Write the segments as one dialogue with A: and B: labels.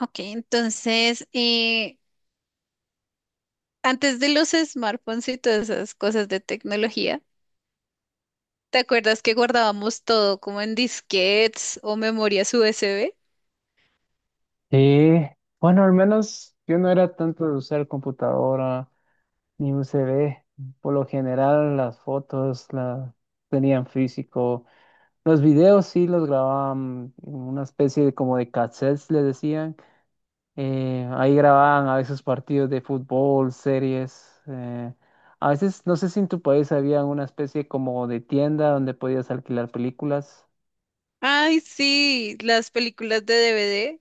A: Ok, entonces, antes de los smartphones y todas esas cosas de tecnología, ¿te acuerdas que guardábamos todo como en disquetes o memorias USB?
B: Sí, bueno, al menos yo no era tanto de usar computadora ni USB. Por lo general, las fotos las tenían físico. Los videos sí los grababan en una especie de como de cassettes, le decían. Ahí grababan a veces partidos de fútbol, series. A veces, no sé si en tu país había una especie como de tienda donde podías alquilar películas.
A: Ay, sí, las películas de DVD,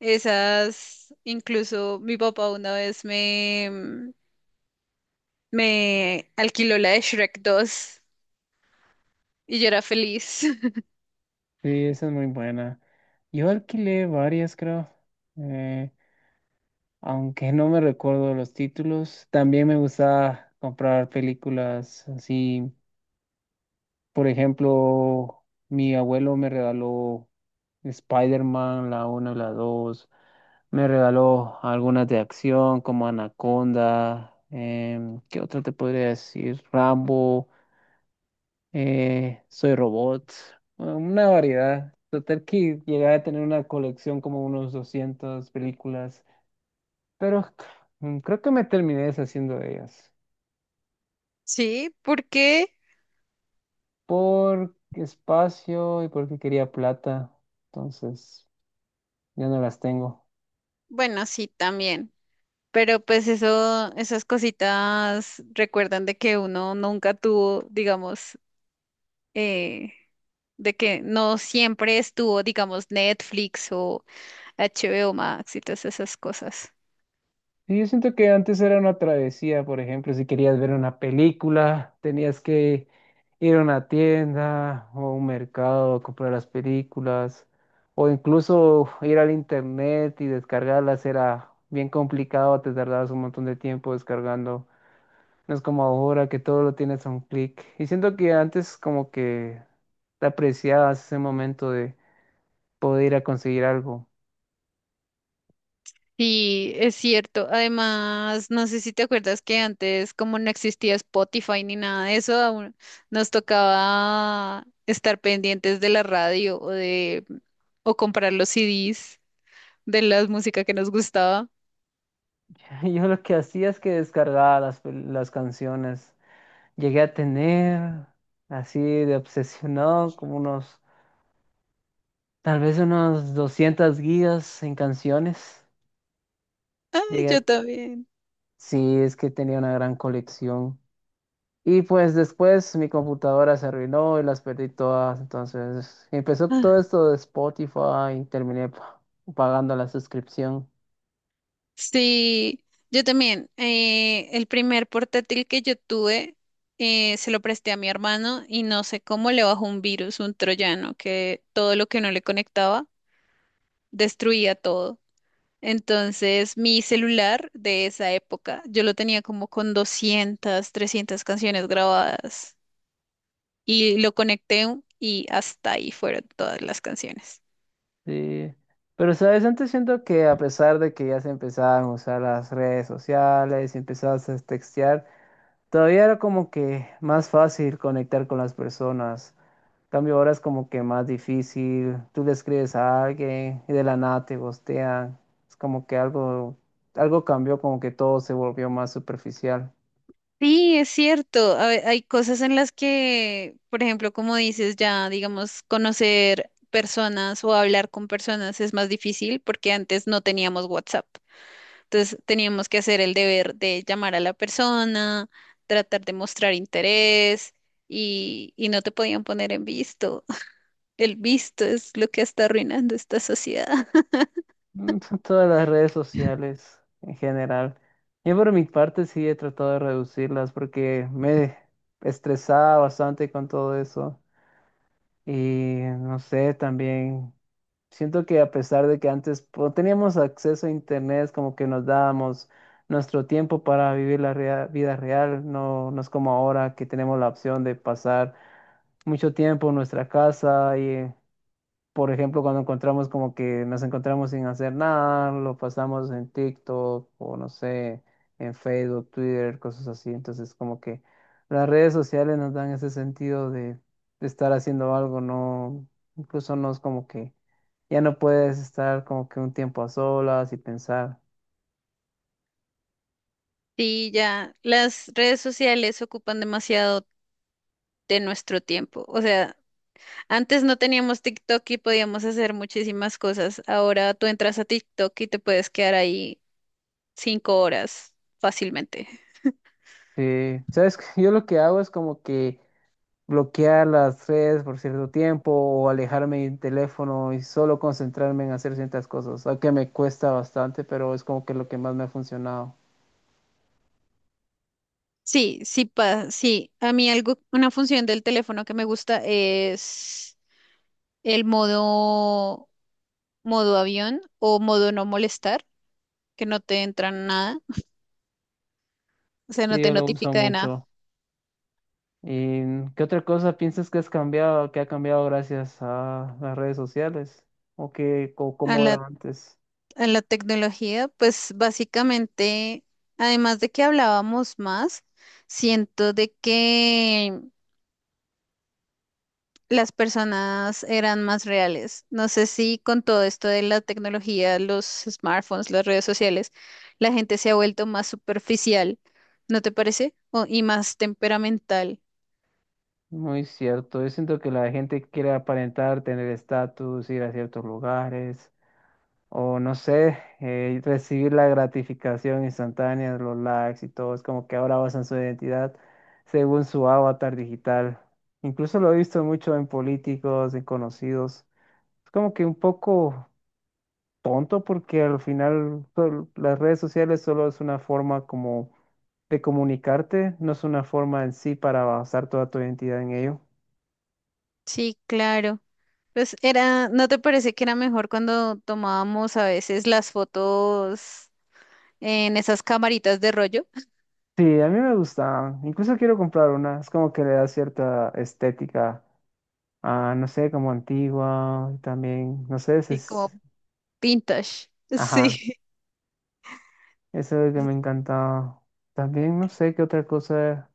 A: esas, incluso mi papá una vez me alquiló la de Shrek 2 y yo era feliz.
B: Sí, esa es muy buena. Yo alquilé varias, creo. Eh, Aunque no me recuerdo los títulos, también me gustaba comprar películas así. Por ejemplo, mi abuelo me regaló Spider-Man, la 1 y la dos. Me regaló algunas de acción como Anaconda. ¿Qué otra te podría decir? Rambo, Soy Robot. Bueno, una variedad. Total que llegué a tener una colección como unos 200 películas. Pero creo que me terminé deshaciendo de ellas.
A: Sí, porque,
B: Por espacio y porque quería plata. Entonces, ya no las tengo.
A: bueno, sí, también. Pero pues eso, esas cositas recuerdan de que uno nunca tuvo, digamos, eh, de que no siempre estuvo, digamos, Netflix o HBO Max y todas esas cosas.
B: Y yo siento que antes era una travesía, por ejemplo, si querías ver una película, tenías que ir a una tienda o a un mercado a comprar las películas. O incluso ir al internet y descargarlas era bien complicado, te tardabas un montón de tiempo descargando. No es como ahora que todo lo tienes a un clic. Y siento que antes como que te apreciabas ese momento de poder ir a conseguir algo.
A: Sí, es cierto. Además, no sé si te acuerdas que antes, como no existía Spotify ni nada de eso, aún nos tocaba estar pendientes de la radio o comprar los CDs de la música que nos gustaba.
B: Yo lo que hacía es que descargaba las canciones. Llegué a tener así de obsesionado como unos, tal vez unos 200 gigas en canciones.
A: Ay,
B: Llegué
A: yo
B: a...
A: también.
B: Sí, es que tenía una gran colección. Y pues después mi computadora se arruinó y las perdí todas. Entonces empezó todo esto de Spotify y terminé pagando la suscripción.
A: Sí, yo también. El primer portátil que yo tuve, se lo presté a mi hermano y no sé cómo le bajó un virus, un troyano, que todo lo que no le conectaba destruía todo. Entonces, mi celular de esa época, yo lo tenía como con 200, 300 canciones grabadas y lo conecté y hasta ahí fueron todas las canciones.
B: Sí. Pero, ¿sabes? Antes siento que a pesar de que ya se empezaban a usar las redes sociales y empezabas a textear, todavía era como que más fácil conectar con las personas. Cambio ahora es como que más difícil. Tú le escribes a alguien y de la nada te gostean. Es como que algo cambió, como que todo se volvió más superficial.
A: Sí, es cierto. Hay cosas en las que, por ejemplo, como dices, ya, digamos, conocer personas o hablar con personas es más difícil porque antes no teníamos WhatsApp. Entonces teníamos que hacer el deber de llamar a la persona, tratar de mostrar interés y no te podían poner en visto. El visto es lo que está arruinando esta sociedad.
B: Mm, son todas las redes sociales en general. Yo por mi parte sí he tratado de reducirlas porque me estresaba bastante con todo eso. Y no sé, también. Siento que a pesar de que antes teníamos acceso a internet, como que nos dábamos nuestro tiempo para vivir la vida real, no, no es como ahora que tenemos la opción de pasar mucho tiempo en nuestra casa. Por ejemplo, cuando encontramos como que nos encontramos sin hacer nada, lo pasamos en TikTok o no sé, en Facebook, Twitter, cosas así. Entonces, como que las redes sociales nos dan ese sentido de estar haciendo algo, no, incluso no es como que ya no puedes estar como que un tiempo a solas y pensar.
A: Sí, ya, las redes sociales ocupan demasiado de nuestro tiempo. O sea, antes no teníamos TikTok y podíamos hacer muchísimas cosas. Ahora tú entras a TikTok y te puedes quedar ahí 5 horas fácilmente.
B: Sí, sabes, que yo lo que hago es como que bloquear las redes por cierto tiempo o alejarme del teléfono y solo concentrarme en hacer ciertas cosas, aunque me cuesta bastante, pero es como que lo que más me ha funcionado.
A: Sí, sí, sí. A mí algo, una función del teléfono que me gusta es el modo avión o modo no molestar, que no te entra nada, o sea, no
B: Sí,
A: te
B: yo lo uso
A: notifica de nada.
B: mucho. ¿Y qué otra cosa piensas que has cambiado, que ha cambiado gracias a las redes sociales? ¿O que, o
A: A
B: cómo
A: la,
B: era antes?
A: a la tecnología, pues básicamente, además de que hablábamos más, siento de que las personas eran más reales. No sé si con todo esto de la tecnología, los smartphones, las redes sociales, la gente se ha vuelto más superficial, ¿no te parece? Y más temperamental.
B: Muy cierto. Yo siento que la gente quiere aparentar, tener estatus, ir a ciertos lugares. O no sé, recibir la gratificación instantánea, los likes y todo. Es como que ahora basan su identidad según su avatar digital. Incluso lo he visto mucho en políticos, en conocidos. Es como que un poco tonto porque al final las redes sociales solo es una forma como de comunicarte, no es una forma en sí para basar toda tu identidad en ello.
A: Sí, claro. Pues era, ¿no te parece que era mejor cuando tomábamos a veces las fotos en esas camaritas de rollo?
B: Sí, a mí me gusta. Incluso quiero comprar una. Es como que le da cierta estética. Ah, no sé, como antigua, también, no sé, ese
A: Sí, como
B: es,
A: vintage.
B: ajá,
A: Sí,
B: eso es lo que me encantaba. También, no sé qué otra cosa.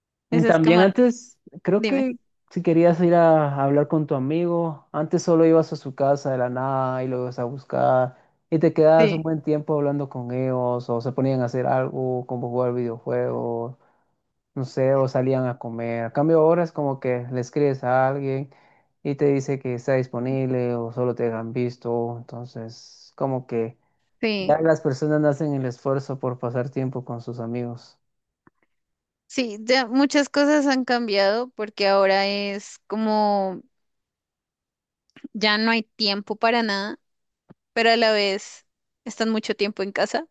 B: Mm,
A: esas
B: también
A: cámaras.
B: antes, creo
A: Dime.
B: que si querías ir a hablar con tu amigo, antes solo ibas a su casa de la nada y lo ibas a buscar y te quedabas un
A: Sí.
B: buen tiempo hablando con ellos o se ponían a hacer algo, como jugar videojuegos. No sé, o salían a comer. A cambio ahora es como que le escribes a alguien y te dice que está disponible o solo te han visto. Entonces, como que
A: Sí.
B: ya las personas no hacen el esfuerzo por pasar tiempo con sus amigos.
A: Sí, ya muchas cosas han cambiado porque ahora es como ya no hay tiempo para nada, pero a la vez están mucho tiempo en casa.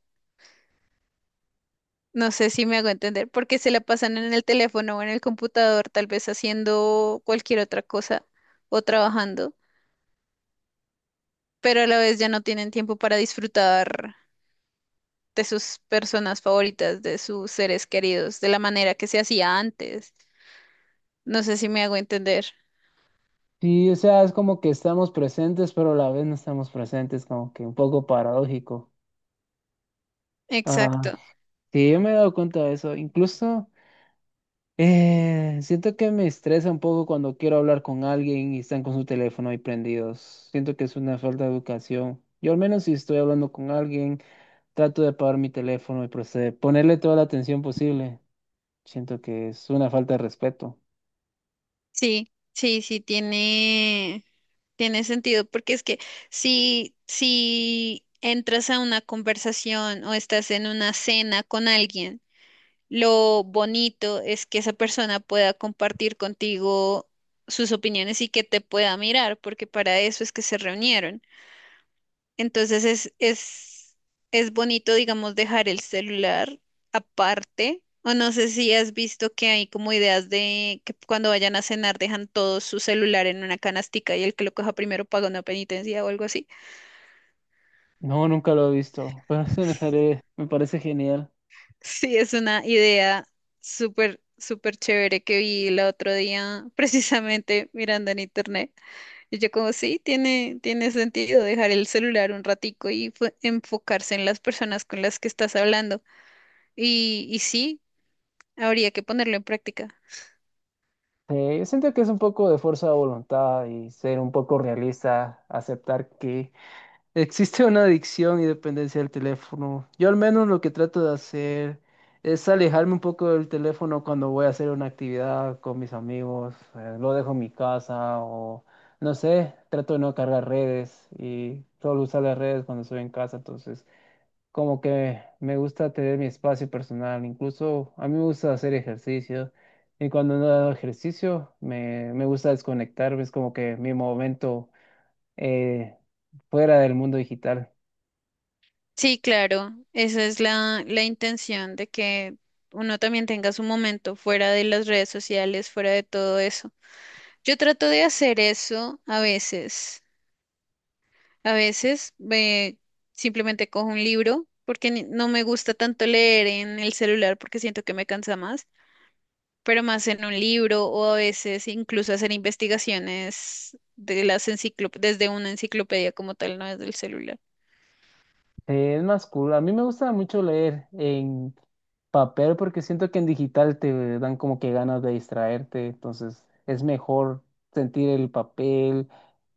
A: No sé si me hago entender, porque se la pasan en el teléfono o en el computador, tal vez haciendo cualquier otra cosa o trabajando, pero a la vez ya no tienen tiempo para disfrutar de sus personas favoritas, de sus seres queridos, de la manera que se hacía antes. No sé si me hago entender.
B: Sí, o sea, es como que estamos presentes, pero a la vez no estamos presentes, como que un poco paradójico. Ah,
A: Exacto.
B: sí, yo me he dado cuenta de eso. Incluso siento que me estresa un poco cuando quiero hablar con alguien y están con su teléfono ahí prendidos. Siento que es una falta de educación. Yo al menos si estoy hablando con alguien, trato de apagar mi teléfono y proceder, ponerle toda la atención posible. Siento que es una falta de respeto.
A: Sí, sí, sí. Tiene sentido, porque es que si entras a una conversación o estás en una cena con alguien, lo bonito es que esa persona pueda compartir contigo sus opiniones y que te pueda mirar, porque para eso es que se reunieron. Entonces es bonito, digamos, dejar el celular aparte. O no sé si has visto que hay como ideas de que cuando vayan a cenar dejan todo su celular en una canastica y el que lo coja primero paga una penitencia o algo así.
B: No, nunca lo he visto, pero eso me parece genial.
A: Sí, es una idea súper, súper chévere que vi el otro día, precisamente mirando en internet. Y yo como, sí, tiene sentido dejar el celular un ratico y enfocarse en las personas con las que estás hablando. Y sí, habría que ponerlo en práctica.
B: Yo siento que es un poco de fuerza de voluntad y ser un poco realista, aceptar que existe una adicción y dependencia del teléfono. Yo al menos lo que trato de hacer es alejarme un poco del teléfono cuando voy a hacer una actividad con mis amigos. Lo dejo en mi casa o no sé, trato de no cargar redes y solo usar las redes cuando estoy en casa. Entonces, como que me gusta tener mi espacio personal. Incluso a mí me gusta hacer ejercicio y cuando no hago ejercicio me gusta desconectarme. Es como que mi momento eh, fuera del mundo digital.
A: Sí, claro, esa es la intención de que uno también tenga su momento fuera de las redes sociales, fuera de todo eso. Yo trato de hacer eso a veces. A veces simplemente cojo un libro porque no me gusta tanto leer en el celular porque siento que me cansa más, pero más en un libro o a veces incluso hacer investigaciones de las enciclop desde una enciclopedia como tal, no desde el celular.
B: Es más cool. A mí me gusta mucho leer en papel porque siento que en digital te dan como que ganas de distraerte, entonces es mejor sentir el papel.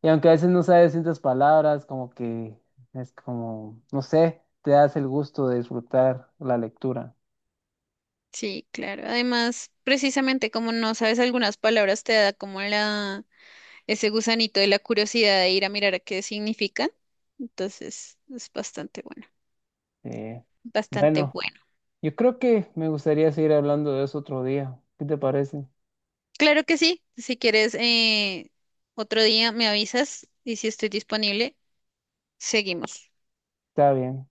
B: Y aunque a veces no sabes ciertas palabras, como que es como, no sé, te das el gusto de disfrutar la lectura.
A: Sí, claro. Además, precisamente como no sabes algunas palabras, te da como ese gusanito de la curiosidad de ir a mirar a qué significan. Entonces, es bastante bueno,
B: Eh,
A: bastante
B: bueno,
A: bueno.
B: yo creo que me gustaría seguir hablando de eso otro día. ¿Qué te parece?
A: Claro que sí. Si quieres, otro día me avisas y si estoy disponible, seguimos.
B: Está bien,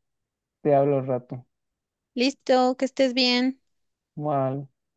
B: te hablo al rato.
A: Listo, que estés bien.
B: Bueno.